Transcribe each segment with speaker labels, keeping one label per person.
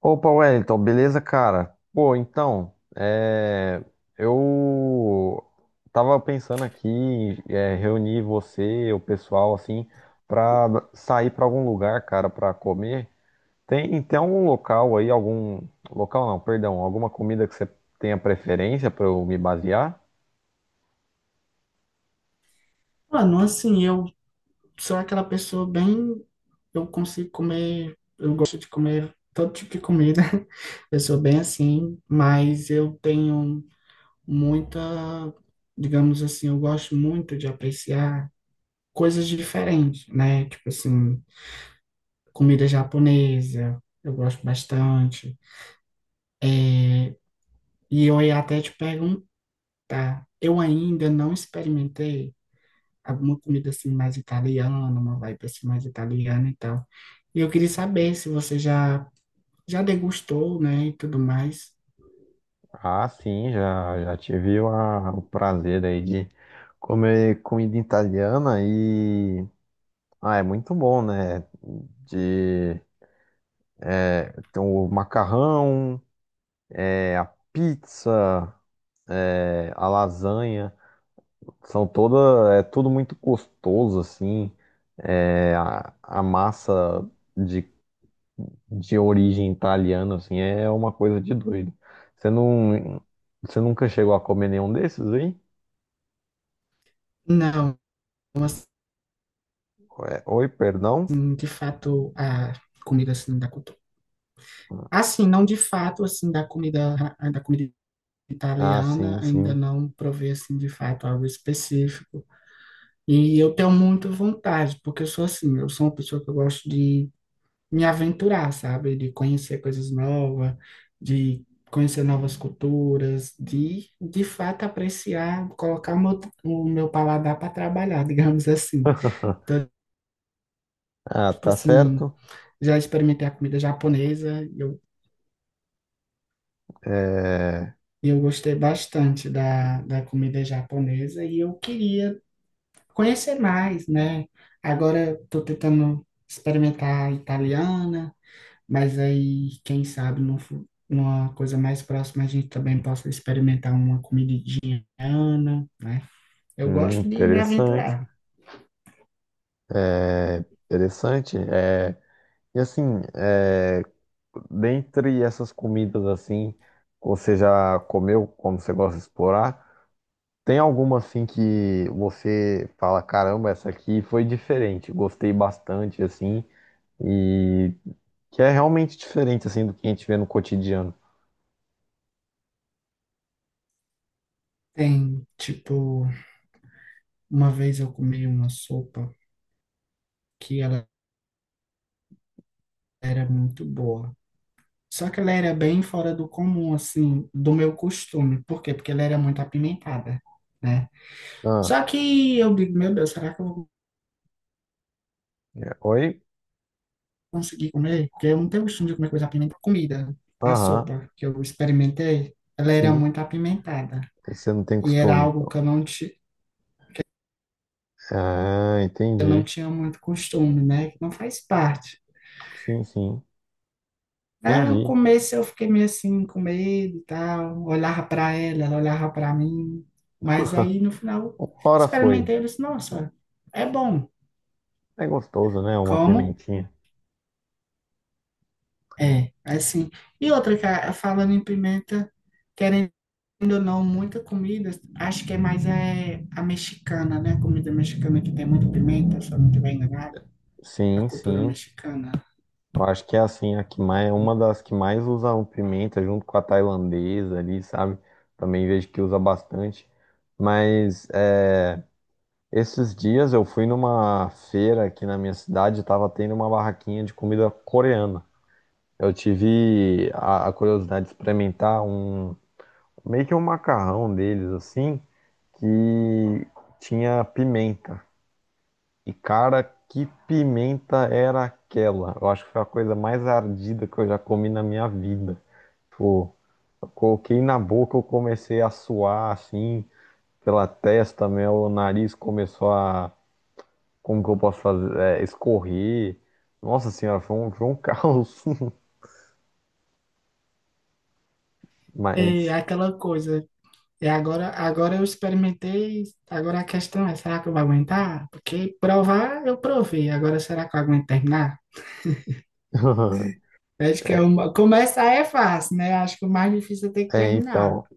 Speaker 1: Opa, Wellington, beleza, cara? Pô, então, eu tava pensando aqui em reunir você, o pessoal, assim, pra sair pra algum lugar, cara, pra comer. Tem algum local aí, algum... Local não, perdão, alguma comida que você tenha preferência pra eu me basear?
Speaker 2: Mano, assim, eu sou aquela pessoa bem. Eu consigo comer, eu gosto de comer todo tipo de comida. Eu sou bem assim, mas eu tenho muita, digamos assim, eu gosto muito de apreciar coisas diferentes, né? Tipo assim, comida japonesa, eu gosto bastante. E eu ia até te perguntar, eu ainda não experimentei alguma comida assim mais italiana, uma vibe assim mais italiana e tal. E eu queria saber se você já degustou, né, e tudo mais.
Speaker 1: Ah, sim, já tive o prazer aí de comer comida italiana e... Ah, é muito bom, né? É, tem o macarrão, é, a pizza, é, a lasanha. São toda, é tudo muito gostoso, assim. A massa de, de origem italiana, assim, é uma coisa de doido. Você não, você nunca chegou a comer nenhum desses aí?
Speaker 2: Não, assim,
Speaker 1: Ué, oi, perdão?
Speaker 2: de fato, a comida assim da cultura. Assim, não de fato, assim, da comida
Speaker 1: Ah, sim,
Speaker 2: italiana, ainda
Speaker 1: sim.
Speaker 2: não provei, assim, de fato, algo específico. E eu tenho muito vontade, porque eu sou assim, eu sou uma pessoa que eu gosto de me aventurar, sabe? De conhecer coisas novas, de conhecer novas culturas, de fato apreciar, colocar o meu paladar para trabalhar, digamos assim. Então,
Speaker 1: Ah,
Speaker 2: tipo
Speaker 1: tá
Speaker 2: assim,
Speaker 1: certo.
Speaker 2: já experimentei a comida japonesa, e eu,
Speaker 1: É,
Speaker 2: e eu gostei bastante da comida japonesa e eu queria conhecer mais, né? Agora estou tentando experimentar a italiana. Mas aí, quem sabe, numa coisa mais próxima, a gente também possa experimentar uma comidinha indiana, né? Eu gosto de me
Speaker 1: interessante.
Speaker 2: aventurar.
Speaker 1: É, interessante. E assim, é, dentre essas comidas assim, que você já comeu, como você gosta de explorar, tem alguma assim que você fala, caramba, essa aqui foi diferente, gostei bastante assim, e que é realmente diferente assim do que a gente vê no cotidiano.
Speaker 2: Tem, tipo, uma vez eu comi uma sopa que ela era muito boa. Só que ela era bem fora do comum, assim, do meu costume. Por quê? Porque ela era muito apimentada, né?
Speaker 1: Ah,
Speaker 2: Só que eu digo, meu Deus, será que eu vou
Speaker 1: oi?
Speaker 2: consegui comer, porque eu não tenho costume de comer coisa apimentada. Comida, a
Speaker 1: Aham,
Speaker 2: sopa que eu experimentei, ela era
Speaker 1: sim,
Speaker 2: muito apimentada.
Speaker 1: você não tem
Speaker 2: E era
Speaker 1: costume,
Speaker 2: algo que
Speaker 1: então.
Speaker 2: eu
Speaker 1: Ah,
Speaker 2: eu não
Speaker 1: entendi.
Speaker 2: tinha muito costume, né? Que não faz parte.
Speaker 1: Sim, sim,
Speaker 2: Aí eu
Speaker 1: entendi.
Speaker 2: comecei, eu fiquei meio assim, com medo e tal. Olhava para ela, ela olhava para mim. Mas aí, no final, eu
Speaker 1: Ora foi.
Speaker 2: experimentei, eu disse, nossa, é bom.
Speaker 1: É gostoso, né? Uma
Speaker 2: Como?
Speaker 1: pimentinha.
Speaker 2: É, assim. E outra, cara, falando em pimenta, querendo Querendo ou não, muita comida, acho que é mais é, a mexicana, né? A comida mexicana que tem muita pimenta, se eu não estiver enganado. A
Speaker 1: Sim,
Speaker 2: cultura
Speaker 1: sim.
Speaker 2: mexicana.
Speaker 1: Eu acho que é assim, a que mais, é uma das que mais usa o pimenta junto com a tailandesa ali, sabe? Também vejo que usa bastante. Mas esses dias eu fui numa feira aqui na minha cidade, tava tendo uma barraquinha de comida coreana. Eu tive a curiosidade de experimentar um meio que um macarrão deles assim, que tinha pimenta. E cara, que pimenta era aquela? Eu acho que foi a coisa mais ardida que eu já comi na minha vida. Tipo, eu coloquei na boca, eu comecei a suar assim, pela testa, meu nariz começou a, como que eu posso fazer? É, escorrer. Nossa senhora, foi um caos.
Speaker 2: É
Speaker 1: Mas,
Speaker 2: aquela coisa. E agora eu experimentei, agora a questão é, será que eu vou aguentar? Porque provar, eu provei. Agora, será que eu aguento terminar? Acho que é
Speaker 1: é,
Speaker 2: uma... Começar é fácil, né? Acho que o mais difícil é ter que terminar.
Speaker 1: então.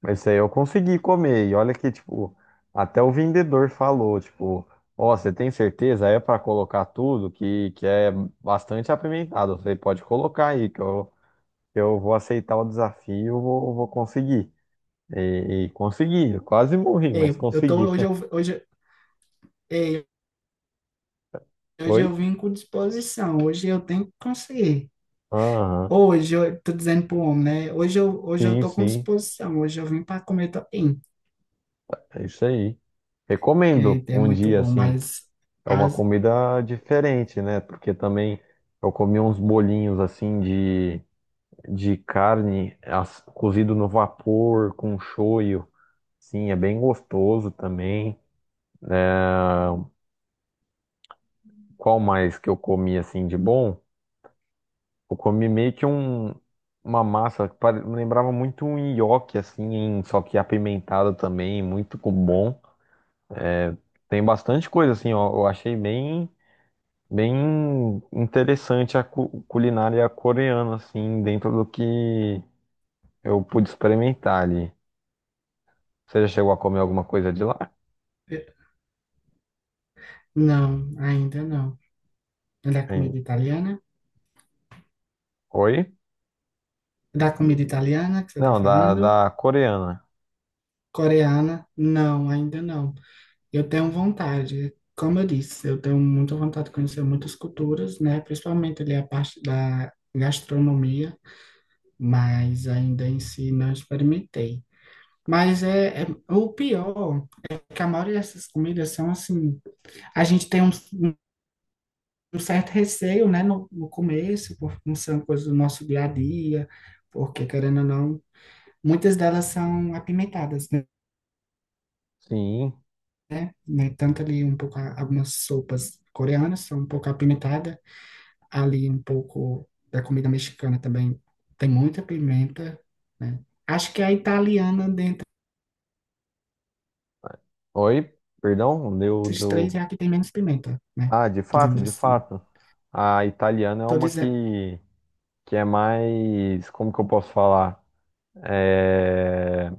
Speaker 1: Mas isso aí eu consegui comer. E olha que, tipo, até o vendedor falou, tipo, ó, você tem certeza? É pra colocar tudo que é bastante apimentado. Você pode colocar aí, que eu vou aceitar o desafio, vou conseguir. E consegui, eu quase morri,
Speaker 2: É,
Speaker 1: mas
Speaker 2: eu tô,
Speaker 1: consegui.
Speaker 2: hoje, eu, hoje, é, hoje
Speaker 1: Foi?
Speaker 2: eu vim com disposição. Hoje eu tenho que conseguir.
Speaker 1: Aham,
Speaker 2: Hoje, eu tô dizendo pro homem, né? Hoje eu
Speaker 1: sim,
Speaker 2: tô com
Speaker 1: sim,
Speaker 2: disposição, hoje eu vim para comer também.
Speaker 1: é isso aí. Recomendo
Speaker 2: É, é
Speaker 1: um
Speaker 2: muito
Speaker 1: dia,
Speaker 2: bom,
Speaker 1: assim,
Speaker 2: mas
Speaker 1: é uma
Speaker 2: as,
Speaker 1: comida diferente, né? Porque também eu comi uns bolinhos, assim, de carne cozido no vapor com shoyu. Sim, é bem gostoso também. Qual mais que eu comi assim de bom? Eu comi meio que uma massa que me lembrava muito um nhoque assim, só que apimentado também, bom. Tem bastante coisa assim, ó, eu achei bem bem interessante a culinária coreana assim, dentro do que eu pude experimentar ali. Você já chegou a comer alguma coisa de lá?
Speaker 2: eh, não, ainda não. É da comida
Speaker 1: Hein?
Speaker 2: italiana?
Speaker 1: Oi?
Speaker 2: Da comida italiana que você tá
Speaker 1: Não,
Speaker 2: falando?
Speaker 1: da coreana.
Speaker 2: Coreana? Não, ainda não. Eu tenho vontade, como eu disse, eu tenho muita vontade de conhecer muitas culturas, né? Principalmente ali a parte da gastronomia, mas ainda em si não experimentei. Mas é, é o pior. Que a maioria dessas comidas são assim, a gente tem um certo receio, né, no começo, porque não são coisas do nosso dia a dia, porque querendo ou não, muitas delas são apimentadas, né?
Speaker 1: Sim.
Speaker 2: Né? Tanto ali um pouco, algumas sopas coreanas são um pouco apimentadas, ali um pouco da comida mexicana também tem muita pimenta, né? Acho que a italiana, dentre
Speaker 1: Oi, perdão,
Speaker 2: esses
Speaker 1: deu.
Speaker 2: três, é a que tem menos pimenta, né?
Speaker 1: Ah, de fato,
Speaker 2: Digamos
Speaker 1: de
Speaker 2: assim.
Speaker 1: fato. A italiana é
Speaker 2: Tô
Speaker 1: uma
Speaker 2: dizendo,
Speaker 1: que é mais. Como que eu posso falar? É,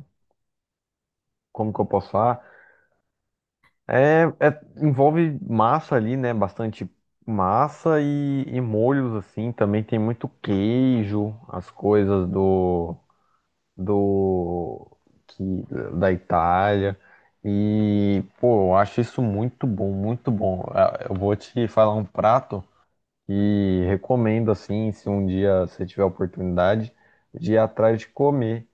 Speaker 1: como que eu posso falar? Envolve massa ali, né? Bastante massa e molhos, assim. Também tem muito queijo, as coisas do. Do que, da Itália. E, pô, eu acho isso muito bom, muito bom. Ah, eu vou te falar um prato e recomendo, assim, se um dia você tiver a oportunidade, de ir atrás de comer,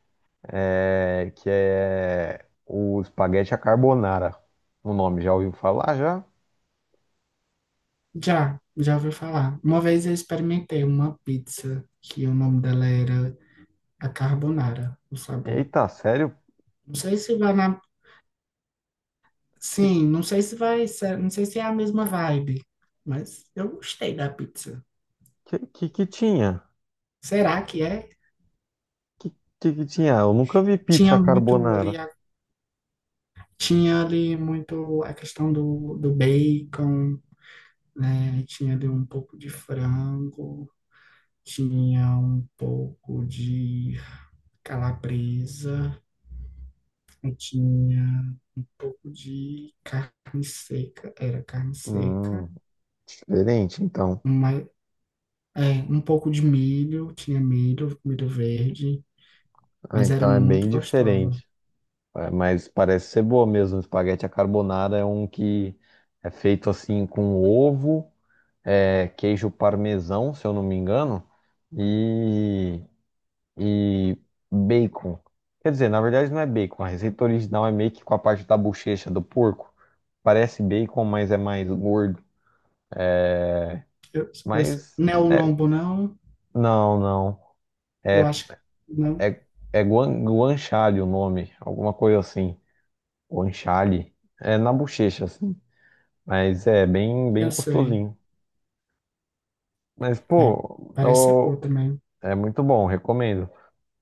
Speaker 1: que é o espaguete à carbonara. O nome, já ouviu falar já?
Speaker 2: já, já ouvi falar. Uma vez eu experimentei uma pizza que o nome dela era a carbonara, o sabor.
Speaker 1: Eita, sério?
Speaker 2: Não sei se vai na...
Speaker 1: Que
Speaker 2: Sim, não sei se vai ser, não sei se é a mesma vibe, mas eu gostei da pizza.
Speaker 1: que tinha?
Speaker 2: Será que é?
Speaker 1: Que, que tinha? Eu nunca vi
Speaker 2: Tinha
Speaker 1: pizza
Speaker 2: muito ali,
Speaker 1: carbonara.
Speaker 2: tinha ali muito a questão do, do bacon, né? Tinha ali um pouco de frango, tinha um pouco de calabresa, tinha pouco de carne seca, era carne seca,
Speaker 1: Hum, diferente, então.
Speaker 2: uma, é, um pouco de milho, tinha milho, milho verde,
Speaker 1: Ah,
Speaker 2: mas era
Speaker 1: então é
Speaker 2: muito
Speaker 1: bem
Speaker 2: gostosa.
Speaker 1: diferente. É, mas parece ser boa mesmo. Espaguete à carbonara é um que é feito assim com ovo, é, queijo parmesão, se eu não me engano, e, e bacon. Quer dizer, na verdade não é bacon. A receita original é meio que com a parte da bochecha do porco. Parece bacon, mas é mais gordo.
Speaker 2: Eu, eu,
Speaker 1: Mas
Speaker 2: não é o
Speaker 1: é,
Speaker 2: lombo, não?
Speaker 1: não, não.
Speaker 2: Eu
Speaker 1: É,
Speaker 2: acho que não,
Speaker 1: é, é guanciale o nome, alguma coisa assim. Guanciale. É na bochecha, assim. Mas é bem, bem
Speaker 2: eu sei.
Speaker 1: gostosinho. Mas,
Speaker 2: É,
Speaker 1: pô,
Speaker 2: parece ser boa
Speaker 1: ô,
Speaker 2: também.
Speaker 1: é muito bom, recomendo.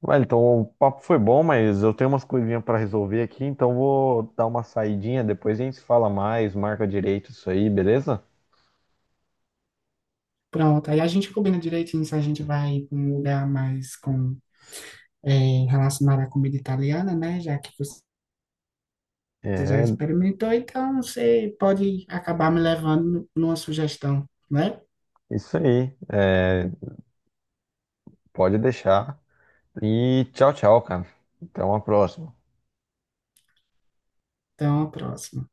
Speaker 1: Vai, então o papo foi bom, mas eu tenho umas coisinhas para resolver aqui, então vou dar uma saidinha, depois a gente se fala mais, marca direito isso aí, beleza?
Speaker 2: Pronto, aí a gente combina direitinho se a gente vai para um lugar mais com, é, relacionado à comida italiana, né? Já que você já
Speaker 1: É,
Speaker 2: experimentou, então você pode acabar me levando numa sugestão, né?
Speaker 1: isso aí. É, pode deixar. E tchau, tchau, cara. Até uma próxima.
Speaker 2: Então, a próxima.